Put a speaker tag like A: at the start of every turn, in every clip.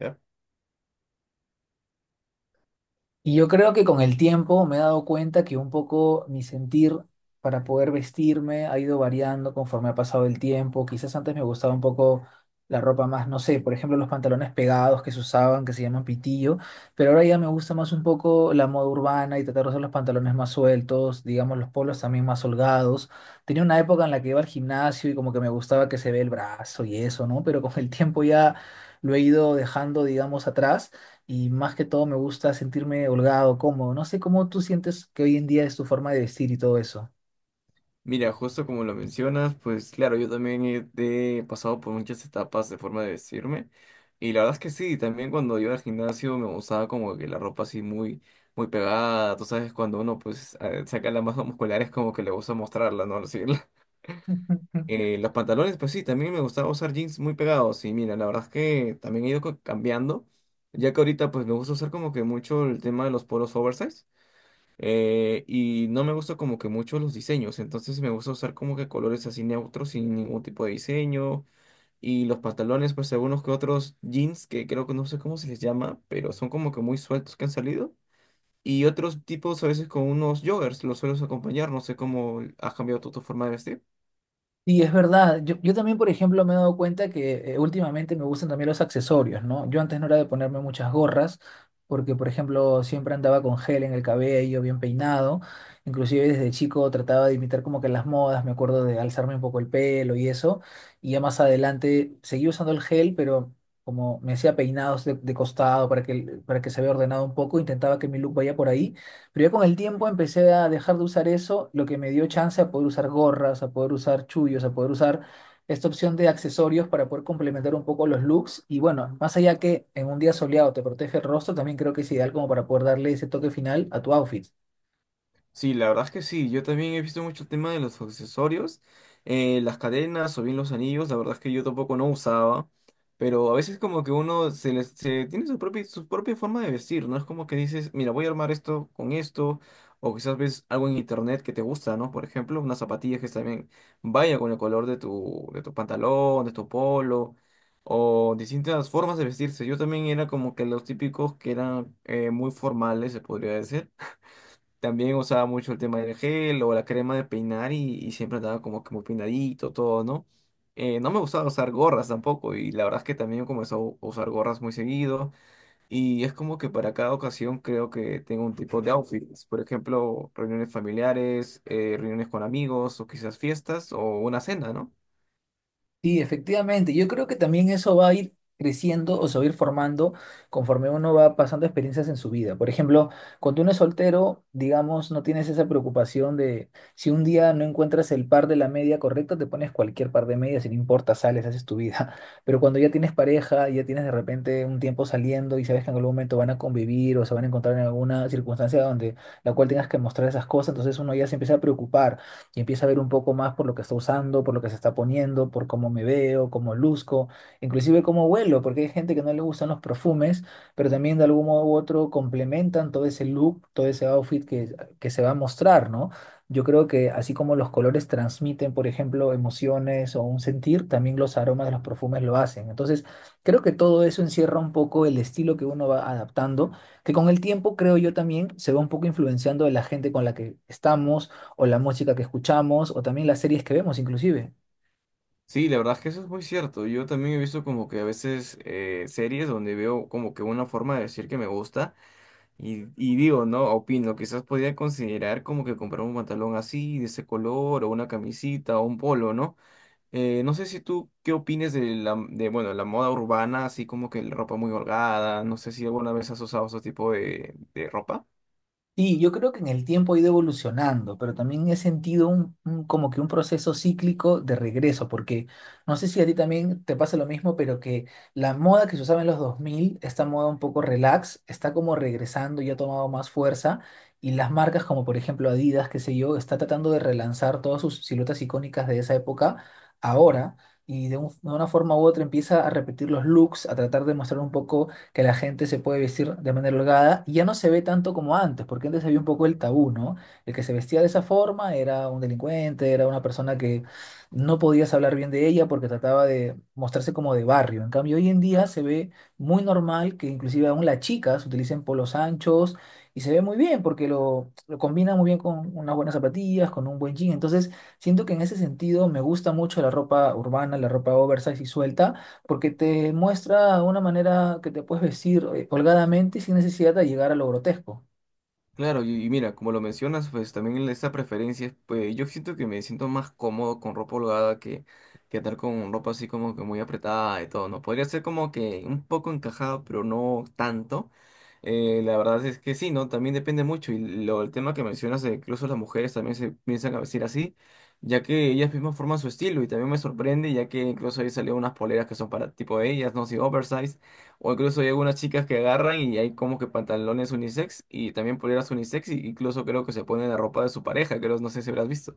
A: Ya.
B: Y yo creo que con el tiempo me he dado cuenta que un poco mi sentir para poder vestirme ha ido variando conforme ha pasado el tiempo. Quizás antes me gustaba un poco la ropa más, no sé, por ejemplo, los pantalones pegados que se usaban, que se llaman pitillo, pero ahora ya me gusta más un poco la moda urbana y tratar de usar los pantalones más sueltos, digamos, los polos también más holgados. Tenía una época en la que iba al gimnasio y como que me gustaba que se ve el brazo y eso, ¿no? Pero con el tiempo ya lo he ido dejando, digamos, atrás y más que todo me gusta sentirme holgado, cómodo. No sé cómo tú sientes que hoy en día es tu forma de vestir y todo eso.
A: Mira, justo como lo mencionas, pues claro, yo también he pasado por muchas etapas de forma de vestirme. Y la verdad es que sí, también cuando iba al gimnasio me gustaba como que la ropa así muy, muy pegada. Tú sabes, cuando uno pues saca la masa muscular es como que le gusta mostrarla, ¿no? Así, los pantalones, pues sí, también me gustaba usar jeans muy pegados. Y mira, la verdad es que también he ido cambiando. Ya que ahorita pues me gusta usar como que mucho el tema de los polos oversize. Y no me gusta como que mucho los diseños, entonces me gusta usar como que colores así neutros sin ningún tipo de diseño. Y los pantalones, pues algunos que otros jeans, que creo que no sé cómo se les llama, pero son como que muy sueltos que han salido. Y otros tipos a veces con unos joggers, los sueles acompañar, no sé cómo has cambiado tú tu forma de vestir.
B: Y es verdad, yo también, por ejemplo, me he dado cuenta que últimamente me gustan también los accesorios, ¿no? Yo antes no era de ponerme muchas gorras, porque, por ejemplo, siempre andaba con gel en el cabello, bien peinado, inclusive desde chico trataba de imitar como que las modas, me acuerdo de alzarme un poco el pelo y eso, y ya más adelante seguí usando el gel, pero como me hacía peinados de costado para que se vea ordenado un poco, intentaba que mi look vaya por ahí. Pero ya con el tiempo empecé a dejar de usar eso, lo que me dio chance a poder usar gorras, a poder usar chullos, a poder usar esta opción de accesorios para poder complementar un poco los looks. Y bueno, más allá que en un día soleado te protege el rostro, también creo que es ideal como para poder darle ese toque final a tu outfit.
A: Sí, la verdad es que sí, yo también he visto mucho el tema de los accesorios, las cadenas o bien los anillos, la verdad es que yo tampoco no usaba, pero a veces como que uno se tiene su propia forma de vestir, ¿no? Es como que dices, mira, voy a armar esto con esto, o quizás ves algo en internet que te gusta, ¿no? Por ejemplo, unas zapatillas que también vayan con el color de tu pantalón, de tu polo, o distintas formas de vestirse. Yo también era como que los típicos que eran muy formales, se podría decir. También usaba mucho el tema del gel o la crema de peinar y siempre andaba como que muy peinadito, todo, ¿no? No me gustaba usar gorras tampoco y la verdad es que también comencé a usar gorras muy seguido y es como que para cada ocasión creo que tengo un tipo de outfits, por ejemplo, reuniones familiares, reuniones con amigos o quizás fiestas o una cena, ¿no?
B: Sí, efectivamente. Yo creo que también eso va a ir creciendo o se va a ir formando conforme uno va pasando experiencias en su vida. Por ejemplo, cuando uno es soltero, digamos, no tienes esa preocupación de si un día no encuentras el par de la media correcta, te pones cualquier par de medias y no importa, sales, haces tu vida. Pero cuando ya tienes pareja, ya tienes de repente un tiempo saliendo y sabes que en algún momento van a convivir o se van a encontrar en alguna circunstancia donde la cual tengas que mostrar esas cosas, entonces uno ya se empieza a preocupar y empiezo a ver un poco más por lo que está usando, por lo que se está poniendo, por cómo me veo, cómo luzco, inclusive cómo huelo, porque hay gente que no le gustan los perfumes, pero también de algún modo u otro complementan todo ese look, todo ese outfit que se va a mostrar, ¿no? Yo creo que así como los colores transmiten, por ejemplo, emociones o un sentir, también los aromas de los perfumes lo hacen. Entonces, creo que todo eso encierra un poco el estilo que uno va adaptando, que con el tiempo, creo yo también, se va un poco influenciando de la gente con la que estamos o la música que escuchamos, o también las series que vemos inclusive.
A: Sí, la verdad es que eso es muy cierto. Yo también he visto como que a veces series donde veo como que una forma de decir que me gusta. Y digo, ¿no? Opino, quizás podría considerar como que comprar un pantalón así, de ese color, o una camisita, o un polo, ¿no? No sé si tú qué opines de bueno, la moda urbana, así como que la ropa muy holgada, no sé si alguna vez has usado ese tipo de ropa.
B: Sí, yo creo que en el tiempo ha ido evolucionando, pero también he sentido como que un proceso cíclico de regreso, porque no sé si a ti también te pasa lo mismo, pero que la moda que se usaba en los 2000, esta moda un poco relax, está como regresando y ha tomado más fuerza, y las marcas como por ejemplo Adidas, qué sé yo, está tratando de relanzar todas sus siluetas icónicas de esa época ahora, y de una forma u otra empieza a repetir los looks, a tratar de mostrar un poco que la gente se puede vestir de manera holgada y ya no se ve tanto como antes, porque antes había un poco el tabú, ¿no? El que se vestía de esa forma era un delincuente, era una persona que no podías hablar bien de ella porque trataba de mostrarse como de barrio. En cambio, hoy en día se ve muy normal que inclusive aún las chicas utilicen polos anchos y se ve muy bien porque lo combina muy bien con unas buenas zapatillas, con un buen jean. Entonces, siento que en ese sentido me gusta mucho la ropa urbana, la ropa oversize y suelta porque te muestra una manera que te puedes vestir holgadamente y sin necesidad de llegar a lo grotesco.
A: Claro, y mira, como lo mencionas, pues también esa preferencia, pues yo siento que me siento más cómodo con ropa holgada que andar con ropa así como que muy apretada y todo, ¿no? Podría ser como que un poco encajado, pero no tanto. La verdad es que sí, ¿no? También depende mucho. Y lo, el tema que mencionas, de que incluso las mujeres también se piensan a vestir así, ya que ellas mismas forman su estilo y también me sorprende, ya que incluso ahí salieron unas poleras que son para tipo de ellas, ¿no? Sí, oversize. O incluso hay algunas chicas que agarran y hay como que pantalones unisex y también poleras unisex y incluso creo que se ponen la ropa de su pareja, creo, no sé si habrás visto.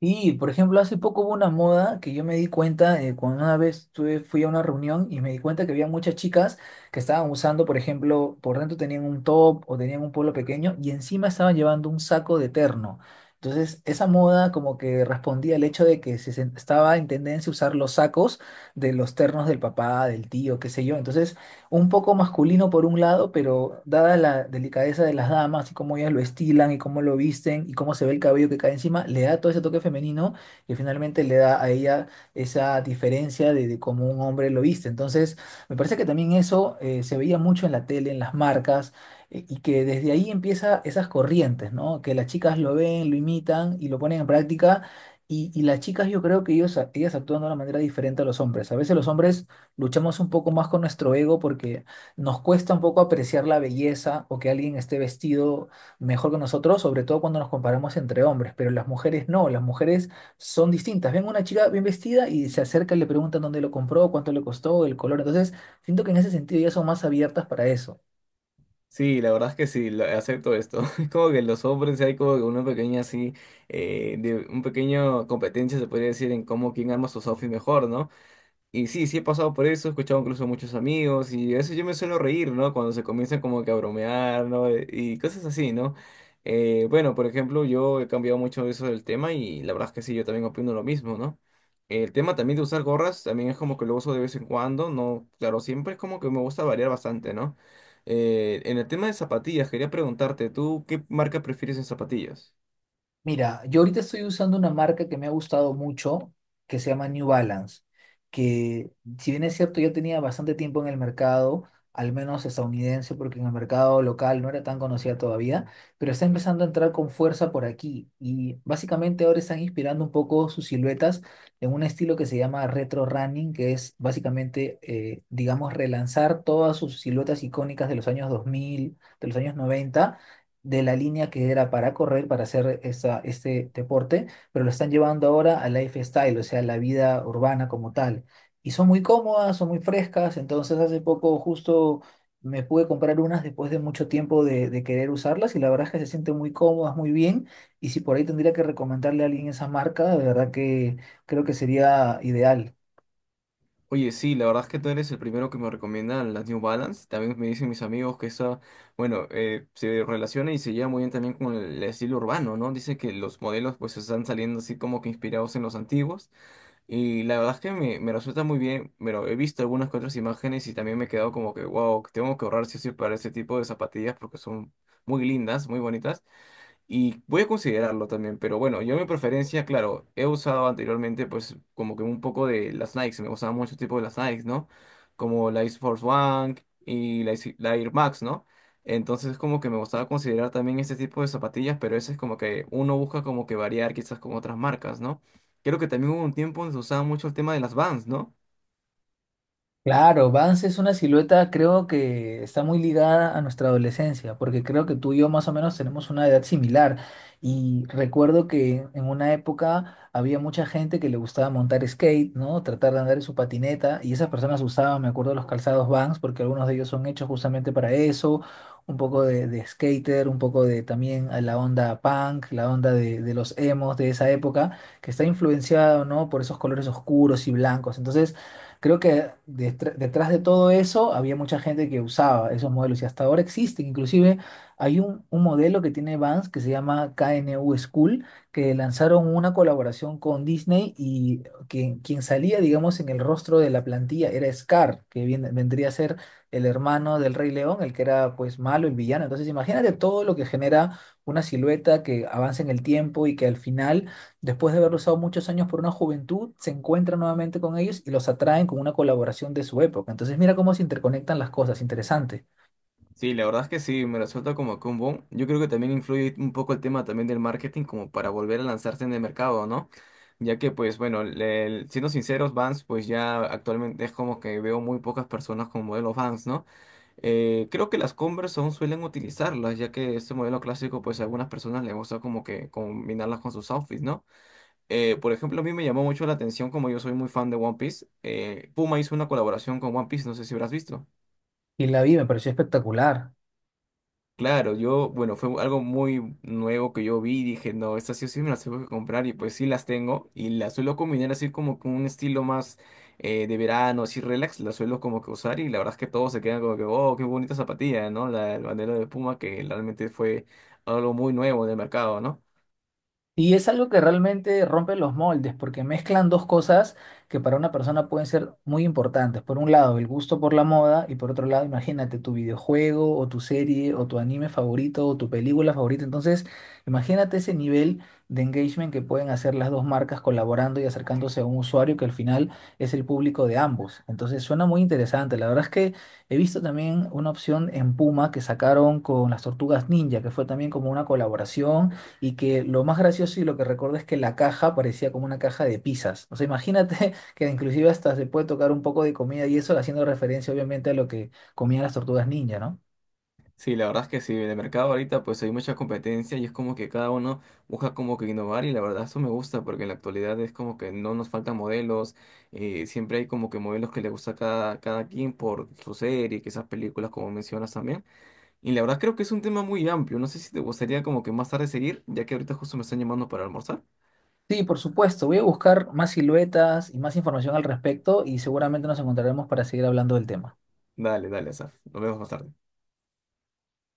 B: Y, por ejemplo, hace poco hubo una moda que yo me di cuenta, cuando una vez fui a una reunión y me di cuenta que había muchas chicas que estaban usando, por ejemplo, por dentro tenían un top o tenían un polo pequeño y encima estaban llevando un saco de terno. Entonces, esa moda como que respondía al hecho de que estaba en tendencia usar los sacos de los ternos del papá, del tío, qué sé yo. Entonces, un poco masculino por un lado, pero dada la delicadeza de las damas y cómo ellas lo estilan y cómo lo visten y cómo se ve el cabello que cae encima, le da todo ese toque femenino que finalmente le da a ella esa diferencia de cómo un hombre lo viste. Entonces, me parece que también eso se veía mucho en la tele, en las marcas. Y que desde ahí empieza esas corrientes, ¿no? Que las chicas lo ven, lo imitan y lo ponen en práctica. Y las chicas yo creo que ellas actúan de una manera diferente a los hombres. A veces los hombres luchamos un poco más con nuestro ego porque nos cuesta un poco apreciar la belleza o que alguien esté vestido mejor que nosotros, sobre todo cuando nos comparamos entre hombres, pero las mujeres no, las mujeres son distintas. Ven una chica bien vestida y se acerca y le preguntan dónde lo compró, cuánto le costó, el color. Entonces, siento que en ese sentido ya son más abiertas para eso.
A: Sí, la verdad es que sí, acepto esto. Es como que los hombres hay como que una pequeña así, un pequeño competencia se podría decir en cómo quién arma sus outfits mejor, ¿no? Y sí, sí he pasado por eso, he escuchado incluso a muchos amigos y a veces yo me suelo reír, ¿no? Cuando se comienzan como que a bromear, ¿no? Y cosas así, ¿no? Bueno, por ejemplo, yo he cambiado mucho eso del tema y la verdad es que sí, yo también opino lo mismo, ¿no? El tema también de usar gorras también es como que lo uso de vez en cuando, ¿no? Claro, siempre es como que me gusta variar bastante, ¿no? En el tema de zapatillas, quería preguntarte, ¿tú qué marca prefieres en zapatillas?
B: Mira, yo ahorita estoy usando una marca que me ha gustado mucho, que se llama New Balance, que si bien es cierto, yo tenía bastante tiempo en el mercado, al menos estadounidense, porque en el mercado local no era tan conocida todavía, pero está empezando a entrar con fuerza por aquí y básicamente ahora están inspirando un poco sus siluetas en un estilo que se llama retro running, que es básicamente, digamos, relanzar todas sus siluetas icónicas de los años 2000, de los años 90 de la línea que era para correr, para hacer esta, este deporte, pero lo están llevando ahora al lifestyle, o sea, la vida urbana como tal. Y son muy cómodas, son muy frescas, entonces hace poco justo me pude comprar unas después de mucho tiempo de querer usarlas y la verdad es que se sienten muy cómodas, muy bien. Y si por ahí tendría que recomendarle a alguien esa marca, de verdad que creo que sería ideal.
A: Oye, sí, la verdad es que tú eres el primero que me recomienda las New Balance. También me dicen mis amigos que esa, bueno, se relaciona y se lleva muy bien también con el estilo urbano, ¿no? Dice que los modelos pues están saliendo así como que inspirados en los antiguos. Y la verdad es que me resulta muy bien, pero he visto algunas que otras imágenes y también me he quedado como que, wow, tengo que ahorrar sí o sí para ese tipo de zapatillas porque son muy lindas, muy bonitas. Y voy a considerarlo también, pero bueno, yo mi preferencia, claro, he usado anteriormente pues como que un poco de las Nikes, me gustaban mucho el tipo de las Nikes, ¿no? Como la Air Force One y la Air Max, ¿no? Entonces como que me gustaba considerar también este tipo de zapatillas, pero eso es como que uno busca como que variar quizás con otras marcas, ¿no? Creo que también hubo un tiempo donde se usaba mucho el tema de las Vans, ¿no?
B: Claro, Vans es una silueta, creo que está muy ligada a nuestra adolescencia, porque creo que tú y yo más o menos tenemos una edad similar. Y recuerdo que en una época había mucha gente que le gustaba montar skate, ¿no? Tratar de andar en su patineta, y esas personas usaban, me acuerdo, los calzados Vans, porque algunos de ellos son hechos justamente para eso, un poco de skater, un poco de también a la onda punk, la onda de los emos de esa época, que está influenciado, ¿no? Por esos colores oscuros y blancos. Entonces, creo que detrás de todo eso había mucha gente que usaba esos modelos y hasta ahora existen. Inclusive hay un modelo que tiene Vans que se llama KNU School, que lanzaron una colaboración con Disney y quien salía, digamos, en el rostro de la plantilla era Scar, que vendría a ser el hermano del Rey León, el que era pues malo, el villano. Entonces imagínate todo lo que genera una silueta que avanza en el tiempo y que al final después de haberlo usado muchos años por una juventud, se encuentran nuevamente con ellos y los atraen con una colaboración de su época. Entonces mira cómo se interconectan las cosas, interesante.
A: Sí, la verdad es que sí, me resulta como que un boom. Yo creo que también influye un poco el tema también del marketing como para volver a lanzarse en el mercado, ¿no? Ya que pues bueno, siendo sinceros, Vans pues ya actualmente es como que veo muy pocas personas con modelos Vans, ¿no? Creo que las Converse aún suelen utilizarlas, ya que este modelo clásico pues a algunas personas les gusta como que combinarlas con sus outfits, ¿no? Por ejemplo, a mí me llamó mucho la atención como yo soy muy fan de One Piece. Puma hizo una colaboración con One Piece, no sé si habrás visto.
B: Y la vi, me pareció espectacular.
A: Claro, yo, bueno, fue algo muy nuevo que yo vi y dije, no, estas sí o sí me las tengo que comprar y pues sí las tengo y las suelo combinar así como con un estilo más de verano, así relax, las suelo como que usar y la verdad es que todos se quedan como que, oh, qué bonita zapatilla, ¿no? La, el bandero de Puma que realmente fue algo muy nuevo del mercado, ¿no?
B: Y es algo que realmente rompe los moldes, porque mezclan dos cosas que para una persona pueden ser muy importantes. Por un lado, el gusto por la moda, y por otro lado, imagínate tu videojuego o tu serie o tu anime favorito o tu película favorita. Entonces, imagínate ese nivel de engagement que pueden hacer las dos marcas colaborando y acercándose a un usuario que al final es el público de ambos. Entonces, suena muy interesante. La verdad es que he visto también una opción en Puma que sacaron con las Tortugas Ninja, que fue también como una colaboración y que lo más gracioso y lo que recuerdo es que la caja parecía como una caja de pizzas. O sea, imagínate que inclusive hasta se puede tocar un poco de comida y eso haciendo referencia obviamente a lo que comían las tortugas ninja, ¿no?
A: Sí, la verdad es que sí, en el mercado ahorita pues hay mucha competencia y es como que cada uno busca como que innovar y la verdad eso me gusta porque en la actualidad es como que no nos faltan modelos, siempre hay como que modelos que le gusta a cada quien por su serie, esas películas como mencionas también. Y la verdad creo que es un tema muy amplio, no sé si te gustaría como que más tarde seguir, ya que ahorita justo me están llamando para almorzar.
B: Sí, por supuesto. Voy a buscar más siluetas y más información al respecto y seguramente nos encontraremos para seguir hablando del tema.
A: Dale, dale, Asaf, nos vemos más tarde.